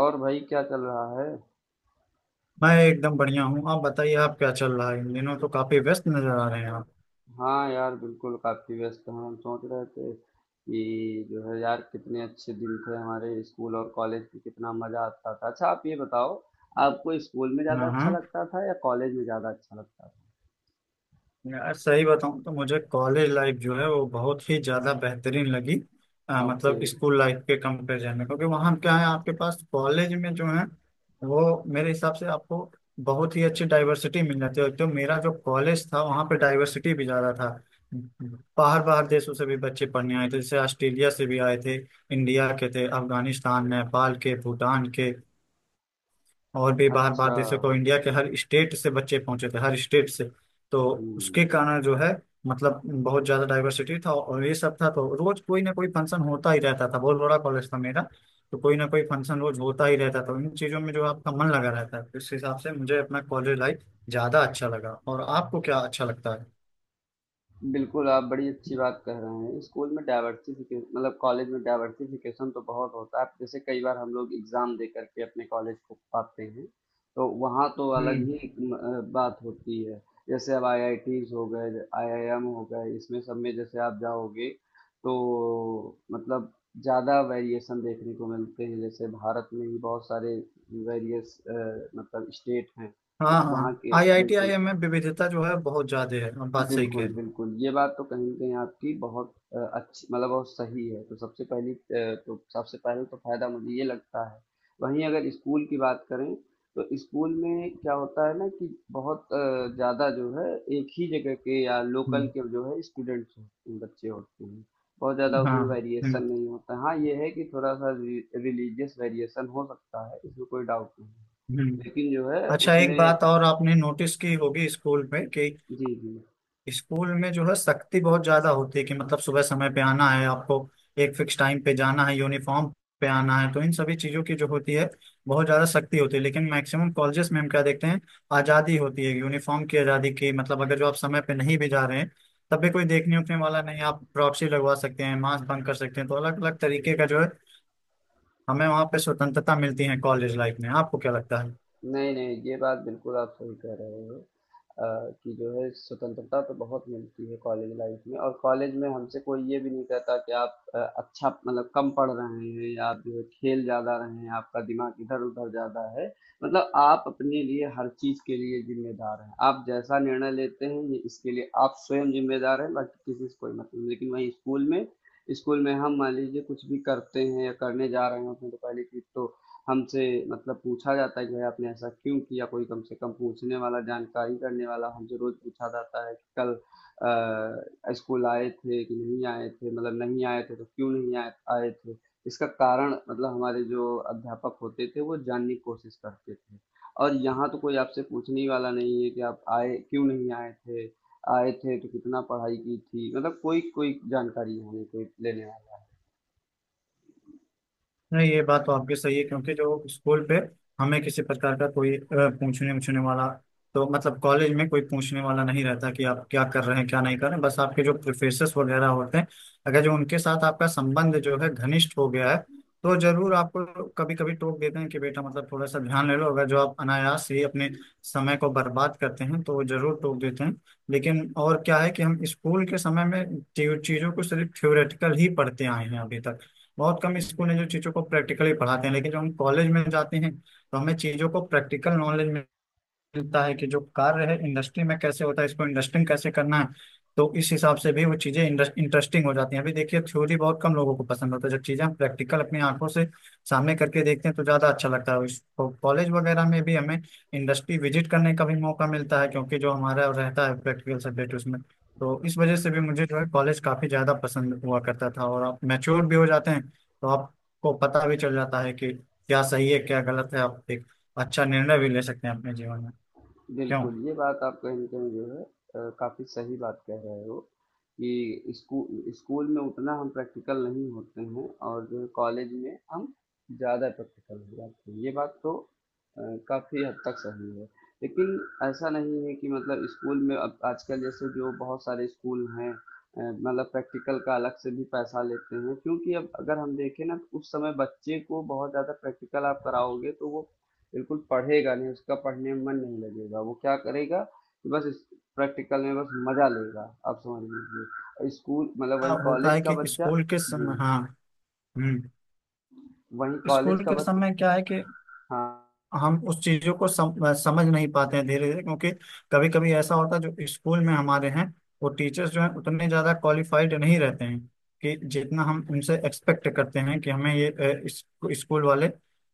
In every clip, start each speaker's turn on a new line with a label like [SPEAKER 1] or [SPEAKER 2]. [SPEAKER 1] और भाई क्या चल रहा है?
[SPEAKER 2] मैं एकदम बढ़िया हूँ। आप बताइए, आप क्या चल रहा है इन दिनों, तो काफी व्यस्त नजर आ रहे हैं आप।
[SPEAKER 1] हाँ यार बिल्कुल काफी व्यस्त हैं। हम सोच रहे थे कि जो है यार कितने अच्छे दिन थे हमारे स्कूल और कॉलेज की, कितना मजा आता था। अच्छा आप ये बताओ, आपको स्कूल में ज्यादा
[SPEAKER 2] हाँ
[SPEAKER 1] अच्छा
[SPEAKER 2] हाँ।
[SPEAKER 1] लगता था या कॉलेज में ज्यादा अच्छा लगता
[SPEAKER 2] यार सही बताऊँ तो मुझे कॉलेज लाइफ जो है वो बहुत ही ज्यादा बेहतरीन लगी।
[SPEAKER 1] था? ओके।
[SPEAKER 2] मतलब स्कूल लाइफ के कंपेरिजन में क्योंकि वहाँ क्या है, आपके पास कॉलेज में जो है वो मेरे हिसाब से आपको बहुत ही अच्छी डाइवर्सिटी मिल जाती है। तो मेरा जो कॉलेज था वहाँ पे डाइवर्सिटी भी ज्यादा था। बाहर बाहर देशों से भी बच्चे पढ़ने आए थे, जैसे ऑस्ट्रेलिया से भी आए थे, इंडिया के थे, अफगानिस्तान नेपाल के भूटान के, और भी बाहर बाहर
[SPEAKER 1] अच्छा।
[SPEAKER 2] देशों को, इंडिया के हर स्टेट से बच्चे पहुंचे थे हर स्टेट से। तो उसके
[SPEAKER 1] हम्म।
[SPEAKER 2] कारण जो है मतलब बहुत ज्यादा डाइवर्सिटी था और ये सब था, तो रोज कोई ना कोई फंक्शन होता ही रहता था। बहुत बड़ा कॉलेज था मेरा। तो कोई ना कोई फंक्शन रोज होता ही रहता था। इन चीजों में जो आपका मन लगा रहता है, इस हिसाब से मुझे अपना कॉलेज लाइफ ज्यादा अच्छा लगा। और आपको क्या अच्छा लगता है?
[SPEAKER 1] बिल्कुल, आप बड़ी अच्छी बात कह रहे हैं। स्कूल में डाइवर्सिफ़िके मतलब कॉलेज में डाइवर्सिफ़िकेशन तो बहुत होता है। जैसे कई बार हम लोग एग्ज़ाम दे कर के अपने कॉलेज को पाते हैं, तो वहाँ तो अलग ही
[SPEAKER 2] हम्म।
[SPEAKER 1] एक बात होती है। जैसे अब आईआईटीज़ हो गए, आईआईएम हो गए, इसमें सब में जैसे आप जाओगे, तो मतलब ज़्यादा वेरिएशन देखने को मिलते हैं। जैसे भारत में ही बहुत सारे वेरियस अ, मतलब स्टेट हैं,
[SPEAKER 2] हाँ
[SPEAKER 1] तो
[SPEAKER 2] हाँ,
[SPEAKER 1] वहाँ के
[SPEAKER 2] आई आई टी आई एम में विविधता जो है बहुत ज्यादा है। आप बात सही कह रही हैं।
[SPEAKER 1] बिल्कुल। ये बात तो कहीं न कहीं आपकी बहुत अच्छी, मतलब बहुत सही है। तो सबसे पहले तो फ़ायदा मुझे ये लगता है। वहीं अगर स्कूल की बात करें, तो स्कूल में क्या होता है ना कि बहुत ज़्यादा जो है एक ही जगह के या लोकल
[SPEAKER 2] हम्म।
[SPEAKER 1] के जो है स्टूडेंट्स होते हैं, बच्चे होते हैं। बहुत ज़्यादा उसमें
[SPEAKER 2] हाँ।
[SPEAKER 1] वेरिएशन
[SPEAKER 2] हम्म।
[SPEAKER 1] नहीं होता है। हाँ, ये है कि थोड़ा-सा रि रिलीजियस वेरिएशन हो सकता है, इसमें कोई डाउट नहीं है।
[SPEAKER 2] हम्म।
[SPEAKER 1] लेकिन जो है
[SPEAKER 2] अच्छा, एक
[SPEAKER 1] उसमें
[SPEAKER 2] बात और आपने नोटिस की होगी स्कूल में कि
[SPEAKER 1] जी, जी।
[SPEAKER 2] स्कूल में जो है सख्ती बहुत ज्यादा होती है। कि मतलब सुबह समय पे आना है आपको, एक फिक्स टाइम पे जाना है, यूनिफॉर्म पे आना है, तो इन सभी चीजों की जो होती है बहुत ज्यादा सख्ती होती है। लेकिन मैक्सिमम कॉलेजेस में हम क्या देखते हैं, आजादी होती है, यूनिफॉर्म की आजादी की, मतलब अगर जो आप समय पे नहीं भी जा रहे हैं तब भी कोई देखने उठने वाला नहीं। आप प्रॉक्सी लगवा सकते हैं, मास्क बंक कर सकते हैं, तो अलग अलग तरीके का जो है हमें वहाँ पे स्वतंत्रता मिलती है कॉलेज लाइफ में। आपको क्या लगता है?
[SPEAKER 1] नहीं, नहीं, ये बात बिल्कुल आप सही कह रहे हो। अ, कि जो है स्वतंत्रता तो बहुत मिलती है कॉलेज लाइफ में, और कॉलेज में हमसे कोई ये भी नहीं कहता कि आप कम पढ़ रहे हैं या आप जो है खेल ज़्यादा रहे हैं, आपका दिमाग इधर उधर ज़्यादा है। मतलब आप अपने लिए हर चीज़ के लिए जिम्मेदार हैं, आप जैसा निर्णय लेते हैं ये इसके लिए आप स्वयं जिम्मेदार हैं, बाकी किसी से कोई मतलब नहीं। लेकिन वहीं स्कूल में हम मान लीजिए कुछ भी करते हैं या करने जा रहे होते हैं, तो पहले की तो हमसे मतलब पूछा जाता है कि भाई आपने ऐसा क्यों किया, कोई कम से कम पूछने वाला जानकारी करने वाला। हमसे रोज पूछा जाता है कि कल स्कूल आए थे कि नहीं आए थे, मतलब नहीं आए थे तो क्यों नहीं आए, आए थे इसका कारण, मतलब हमारे जो अध्यापक होते थे वो जानने की कोशिश करते थे। और यहाँ तो कोई आपसे पूछने ही वाला नहीं है कि आप आए क्यों नहीं आए थे, आए थे तो कितना पढ़ाई की थी। मतलब कोई कोई जानकारी यहाँ नहीं, कोई लेने वाला।
[SPEAKER 2] नहीं, ये बात तो आपकी सही है क्योंकि जो स्कूल पे हमें किसी प्रकार का कोई पूछने उछने वाला, तो मतलब कॉलेज में कोई पूछने वाला नहीं रहता कि आप क्या कर रहे हैं क्या नहीं कर रहे हैं। बस आपके जो प्रोफेसर्स वगैरह होते हैं, अगर जो उनके साथ आपका संबंध जो है घनिष्ठ हो गया है तो जरूर आपको कभी कभी टोक देते हैं कि बेटा मतलब थोड़ा सा ध्यान ले लो। अगर जो आप अनायास ही अपने समय को बर्बाद करते हैं तो वो जरूर टोक देते हैं। लेकिन और क्या है कि हम स्कूल के समय में चीजों को सिर्फ थ्योरेटिकल ही पढ़ते आए हैं अभी तक। बहुत कम स्कूल हैं जो चीज़ों को प्रैक्टिकली पढ़ाते हैं। लेकिन जब हम कॉलेज में जाते हैं तो हमें चीज़ों को प्रैक्टिकल नॉलेज मिलता है कि जो कार्य है इंडस्ट्री में कैसे होता है, इसको इंडस्ट्रिंग कैसे करना है। तो इस हिसाब से भी वो चीजें इंटरेस्टिंग हो जाती हैं। अभी देखिए, थ्योरी बहुत कम लोगों को पसंद होता है। जब चीजें हम प्रैक्टिकल अपनी आंखों से सामने करके देखते हैं तो ज्यादा अच्छा लगता है उसको। कॉलेज वगैरह में भी हमें इंडस्ट्री विजिट करने का भी मौका मिलता है क्योंकि जो हमारा रहता है प्रैक्टिकल सब्जेक्ट उसमें। तो इस वजह से भी मुझे जो है कॉलेज काफी ज्यादा पसंद हुआ करता था। और आप मैच्योर भी हो जाते हैं तो आपको पता भी चल जाता है कि क्या सही है क्या गलत है। आप एक अच्छा निर्णय भी ले सकते हैं अपने जीवन में। क्यों।
[SPEAKER 1] बिल्कुल, ये बात आप कहीं न कहीं जो है काफ़ी सही बात कह रहे हो कि स्कूल में उतना हम प्रैक्टिकल नहीं होते हैं और जो है कॉलेज में हम ज़्यादा प्रैक्टिकल हो जाते हैं। ये बात तो अ, काफ़ी हद तक सही है। लेकिन ऐसा नहीं है कि मतलब स्कूल में, अब आजकल जैसे जो बहुत सारे स्कूल हैं मतलब प्रैक्टिकल का अलग से भी पैसा लेते हैं। क्योंकि अब अगर हम देखें ना, उस समय बच्चे को बहुत ज़्यादा प्रैक्टिकल आप कराओगे तो वो बिल्कुल पढ़ेगा नहीं, उसका पढ़ने में मन नहीं लगेगा। वो क्या करेगा कि बस प्रैक्टिकल में बस मजा लेगा, आप समझ लीजिए। और स्कूल मतलब वही
[SPEAKER 2] हाँ, होता
[SPEAKER 1] कॉलेज
[SPEAKER 2] है
[SPEAKER 1] का
[SPEAKER 2] कि
[SPEAKER 1] बच्चा।
[SPEAKER 2] स्कूल के
[SPEAKER 1] जी।
[SPEAKER 2] समय। हाँ। हम्म।
[SPEAKER 1] वही कॉलेज
[SPEAKER 2] स्कूल
[SPEAKER 1] का
[SPEAKER 2] के
[SPEAKER 1] बच्चा।
[SPEAKER 2] समय क्या है कि हम उस चीजों को समझ नहीं पाते हैं धीरे धीरे। क्योंकि कभी कभी ऐसा होता है जो स्कूल में हमारे हैं, वो टीचर्स जो हैं उतने ज्यादा क्वालिफाइड नहीं रहते हैं कि जितना हम उनसे एक्सपेक्ट करते हैं कि हमें ये स्कूल वाले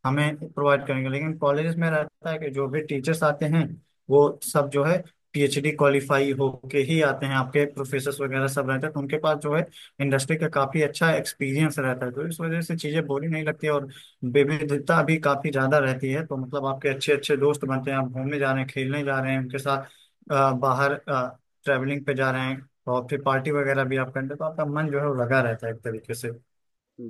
[SPEAKER 2] हमें प्रोवाइड करेंगे। लेकिन कॉलेज में रहता है कि जो भी टीचर्स आते हैं वो सब जो है पीएचडी क्वालिफाई होके ही आते हैं। आपके प्रोफेसर वगैरह सब रहते हैं, तो उनके पास जो है इंडस्ट्री का काफी अच्छा एक्सपीरियंस रहता है। तो इस वजह से चीजें बोरिंग नहीं लगती और विविधता भी काफी ज्यादा रहती है। तो मतलब आपके अच्छे अच्छे दोस्त बनते हैं, आप घूमने जा रहे हैं, खेलने जा रहे हैं उनके साथ, बाहर ट्रैवलिंग पे जा रहे हैं, और फिर पार्टी वगैरह भी आप करते हैं, तो आपका मन जो है वो लगा रहता है एक तरीके से।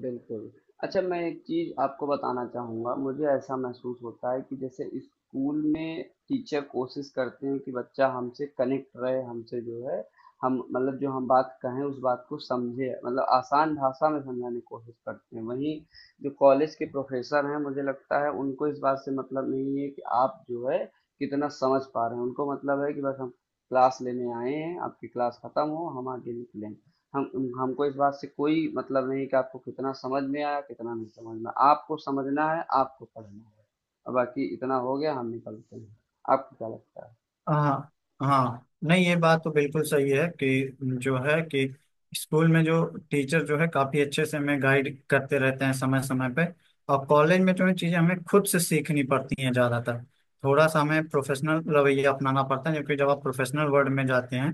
[SPEAKER 1] बिल्कुल। अच्छा मैं एक चीज़ आपको बताना चाहूँगा, मुझे ऐसा महसूस होता है कि जैसे स्कूल में टीचर कोशिश करते हैं कि बच्चा हमसे कनेक्ट रहे, हमसे जो है हम मतलब जो हम बात कहें उस बात को समझे, मतलब आसान भाषा में समझाने की कोशिश करते हैं। वहीं जो कॉलेज के प्रोफ़ेसर हैं, मुझे लगता है उनको इस बात से मतलब नहीं है कि आप जो है कितना समझ पा रहे हैं, उनको मतलब है कि बस हम क्लास लेने आए हैं, आपकी क्लास खत्म हो, हम आगे निकलें। हम हमको इस बात से कोई मतलब नहीं कि आपको कितना समझ में आया कितना नहीं समझ में आया। आपको समझना है, आपको पढ़ना है, और बाकी इतना हो गया, हम निकलते हैं। आपको क्या लगता है?
[SPEAKER 2] हाँ। हाँ, नहीं ये बात तो बिल्कुल सही है कि जो है कि स्कूल में जो टीचर जो है काफी अच्छे से हमें गाइड करते रहते हैं समय समय पे। और कॉलेज में जो है चीजें हमें खुद से सीखनी पड़ती हैं ज्यादातर। थोड़ा सा हमें प्रोफेशनल रवैया अपनाना पड़ता है क्योंकि जब आप प्रोफेशनल वर्ल्ड में जाते हैं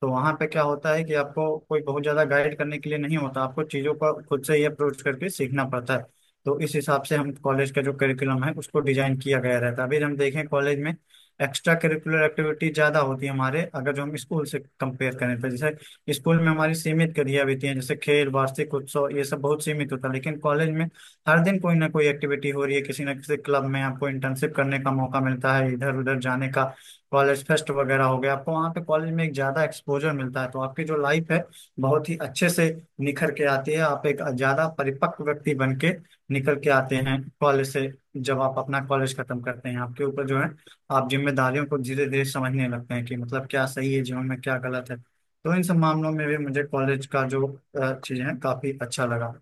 [SPEAKER 2] तो वहां पे क्या होता है कि आपको कोई बहुत ज्यादा गाइड करने के लिए नहीं होता। आपको चीजों को खुद से ही अप्रोच करके सीखना पड़ता है। तो इस हिसाब से हम कॉलेज का जो करिकुलम है उसको डिजाइन किया गया रहता है। अभी हम देखें, कॉलेज में एक्स्ट्रा करिकुलर एक्टिविटी ज़्यादा होती है हमारे, अगर जो हम स्कूल से कंपेयर करें तो। जैसे स्कूल में हमारी सीमित गतिविधियां होती हैं, जैसे खेल, वार्षिक उत्सव, ये सब बहुत सीमित होता है। लेकिन कॉलेज में हर दिन कोई ना कोई एक्टिविटी हो रही है किसी ना किसी क्लब में। आपको इंटर्नशिप करने का मौका मिलता है इधर उधर जाने का। कॉलेज फेस्ट वगैरह हो गया, आपको वहाँ पे कॉलेज में एक ज़्यादा एक्सपोजर मिलता है, तो आपकी जो लाइफ है बहुत ही अच्छे से निखर के आती है। आप एक ज़्यादा परिपक्व व्यक्ति बन के निकल के आते हैं कॉलेज से। जब आप अपना कॉलेज खत्म करते हैं, आपके ऊपर जो है आप जिम्मेदारियों को धीरे धीरे समझने लगते हैं कि मतलब क्या सही है जीवन में क्या गलत है। तो इन सब मामलों में भी मुझे कॉलेज का जो चीज़ें हैं काफी अच्छा लगा।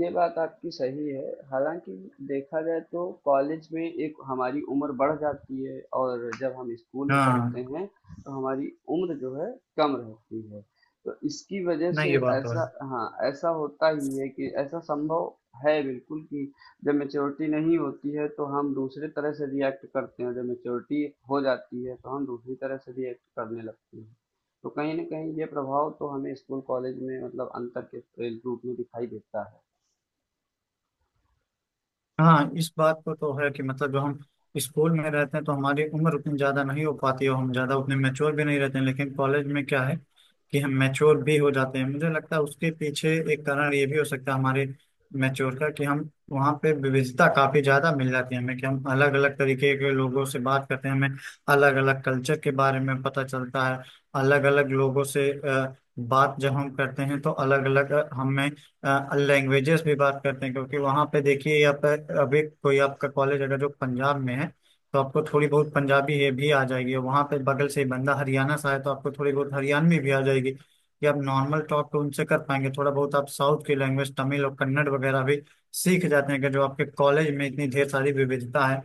[SPEAKER 1] ये बात आपकी सही है। हालाँकि देखा जाए तो कॉलेज में एक हमारी उम्र बढ़ जाती है और जब हम स्कूल में पढ़ते
[SPEAKER 2] हाँ।
[SPEAKER 1] हैं तो हमारी उम्र जो है कम रहती है। तो इसकी वजह
[SPEAKER 2] नहीं
[SPEAKER 1] से
[SPEAKER 2] ये बात तो है।
[SPEAKER 1] ऐसा, हाँ, ऐसा होता ही है कि ऐसा संभव है बिल्कुल। कि जब मैच्योरिटी नहीं होती है तो हम दूसरे तरह से रिएक्ट करते हैं, जब मैच्योरिटी हो जाती है तो हम दूसरी तरह से रिएक्ट करने लगते हैं। तो कहीं न कहीं ये प्रभाव तो हमें स्कूल कॉलेज में मतलब अंतर के रूप में दिखाई देता है।
[SPEAKER 2] हाँ, इस बात को तो है कि मतलब जो हम स्कूल में रहते हैं तो हमारी उम्र उतनी ज़्यादा नहीं हो पाती है, और हम ज़्यादा उतने मैच्योर भी नहीं रहते हैं। लेकिन कॉलेज में क्या है कि हम मैच्योर भी हो जाते हैं। मुझे लगता है उसके पीछे एक कारण ये भी हो सकता है हमारे मैच्योर का, कि हम वहाँ पे विविधता काफ़ी ज़्यादा मिल जाती है हमें, कि हम अलग अलग तरीके के लोगों से बात करते हैं। हमें अलग अलग कल्चर के बारे में पता चलता है। अलग अलग लोगों से बात जब हम करते हैं तो अलग अलग हमें लैंग्वेजेस भी बात करते हैं। क्योंकि वहाँ पे देखिए, आप अभी कोई आपका कॉलेज अगर जो पंजाब में है तो आपको थोड़ी बहुत पंजाबी ये भी आ जाएगी। और वहाँ पे बगल से ही बंदा हरियाणा से आए तो आपको थोड़ी बहुत हरियाणवी भी आ जाएगी कि आप नॉर्मल टॉक तो उनसे कर पाएंगे। थोड़ा बहुत आप साउथ की लैंग्वेज तमिल और कन्नड़ वगैरह भी सीख जाते हैं, कि जो आपके कॉलेज में इतनी ढेर सारी विविधता है।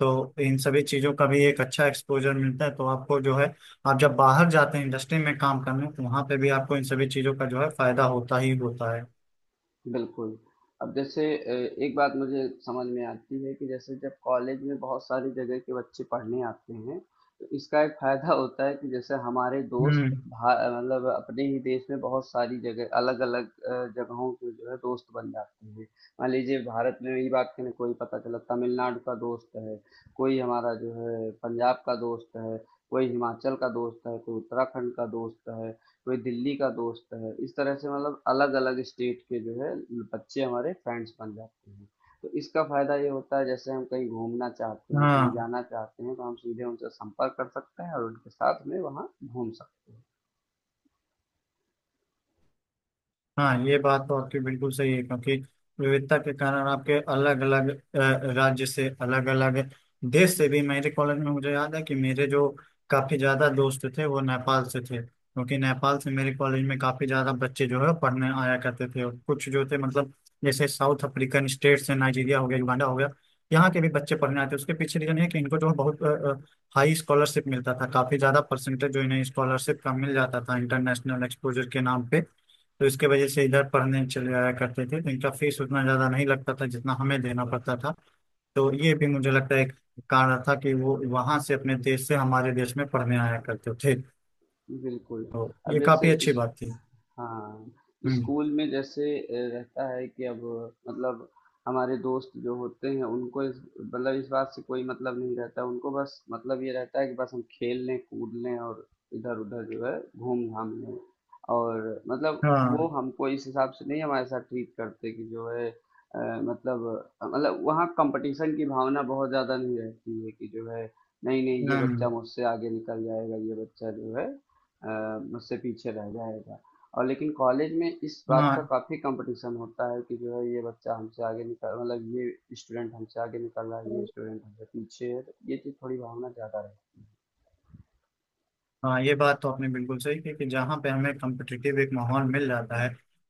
[SPEAKER 2] तो इन सभी चीज़ों का भी एक अच्छा एक्सपोजर मिलता है, तो आपको जो है आप जब बाहर जाते हैं इंडस्ट्री में काम करने, तो वहाँ पे भी आपको इन सभी चीज़ों का जो है फायदा होता ही होता है।
[SPEAKER 1] बिल्कुल। अब जैसे अ, एक बात मुझे समझ में आती है कि जैसे जब कॉलेज में बहुत सारी जगह के बच्चे पढ़ने आते हैं, तो इसका एक फ़ायदा होता है कि जैसे हमारे दोस्त
[SPEAKER 2] हम्म।
[SPEAKER 1] भा अ, मतलब अपने ही देश में बहुत सारी जगह अलग-अलग जगहों के जो है दोस्त बन जाते हैं। मान लीजिए भारत में ही बात करें, कोई पता चला तमिलनाडु का दोस्त है, कोई हमारा जो है पंजाब का दोस्त है, कोई हिमाचल का दोस्त है, कोई उत्तराखंड का दोस्त है, कोई दिल्ली का दोस्त है। इस तरह से मतलब अलग अलग स्टेट के जो है बच्चे हमारे फ्रेंड्स बन जाते हैं। तो इसका फायदा ये होता है, जैसे हम कहीं घूमना चाहते हैं, कहीं
[SPEAKER 2] हाँ।
[SPEAKER 1] जाना चाहते हैं, तो हम सीधे उनसे संपर्क कर सकते हैं और उनके साथ में वहाँ घूम सकते हैं।
[SPEAKER 2] हाँ ये बात तो आपकी बिल्कुल सही है, क्योंकि विविधता के कारण आपके अलग अलग राज्य से, अलग अलग देश से भी, मेरे कॉलेज में मुझे याद है कि मेरे जो काफी ज्यादा दोस्त थे वो नेपाल से थे, क्योंकि नेपाल से मेरे कॉलेज में काफी ज्यादा बच्चे जो है पढ़ने आया करते थे। और कुछ जो थे मतलब जैसे साउथ अफ्रीकन स्टेट से, नाइजीरिया हो गया, युगांडा हो गया, यहाँ के भी बच्चे पढ़ने आते। उसके पीछे रीजन है कि इनको जो है बहुत हाई स्कॉलरशिप मिलता था। काफी ज्यादा परसेंटेज जो इन्हें स्कॉलरशिप का मिल जाता था इंटरनेशनल एक्सपोजर के नाम पे। तो इसके वजह से इधर पढ़ने चले आया करते थे, तो इनका फीस उतना ज़्यादा नहीं लगता था जितना हमें देना पड़ता था। तो ये भी मुझे लगता है एक कारण था कि वो वहां से अपने देश से हमारे देश में पढ़ने आया करते थे।
[SPEAKER 1] बिल्कुल।
[SPEAKER 2] तो
[SPEAKER 1] अब
[SPEAKER 2] ये
[SPEAKER 1] जैसे
[SPEAKER 2] काफ़ी अच्छी
[SPEAKER 1] इस
[SPEAKER 2] बात थी।
[SPEAKER 1] हाँ,
[SPEAKER 2] हम्म।
[SPEAKER 1] स्कूल में रहता है कि अब मतलब हमारे दोस्त जो होते हैं उनको इस मतलब इस बात से कोई मतलब नहीं रहता। उनको बस मतलब ये रहता है कि बस हम खेल लें, कूद लें और इधर उधर जो है घूम घाम लें, और मतलब वो
[SPEAKER 2] हाँ।
[SPEAKER 1] हमको इस हिसाब से नहीं हमारे साथ ट्रीट करते कि जो है वहाँ कंपटीशन की भावना बहुत ज़्यादा नहीं रहती है कि जो है नहीं नहीं, ये बच्चा
[SPEAKER 2] हम्म,
[SPEAKER 1] मुझसे आगे निकल जाएगा, ये बच्चा जो है मुझसे पीछे रह जाएगा। और लेकिन कॉलेज में इस बात का
[SPEAKER 2] हाँ।
[SPEAKER 1] काफ़ी कंपटीशन होता है कि जो है ये स्टूडेंट हमसे आगे निकल रहा है, ये स्टूडेंट हमसे पीछे है, तो ये चीज़ थोड़ी भावना ज़्यादा रहती
[SPEAKER 2] हाँ ये बात तो आपने बिल्कुल सही की, कि जहाँ पे हमें कॉम्पिटिटिव एक माहौल मिल जाता है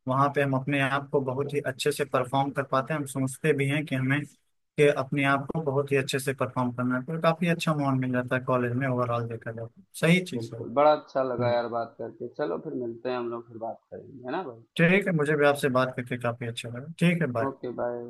[SPEAKER 2] वहाँ पे हम अपने आप को बहुत ही अच्छे से परफॉर्म कर पाते हैं। हम सोचते भी हैं कि हमें कि अपने आप को बहुत ही अच्छे से परफॉर्म करना है, तो काफी अच्छा माहौल मिल जाता है कॉलेज में ओवरऑल देखा जाए तो। सही
[SPEAKER 1] है।
[SPEAKER 2] चीज़ है।
[SPEAKER 1] बिल्कुल, बड़ा अच्छा लगा
[SPEAKER 2] हम्म।
[SPEAKER 1] यार बात करके। चलो फिर मिलते हैं, हम लोग फिर बात करेंगे, है ना भाई।
[SPEAKER 2] ठीक है, मुझे भी आपसे बात करके काफी अच्छा लगा। ठीक है, बाय।
[SPEAKER 1] Okay, bye.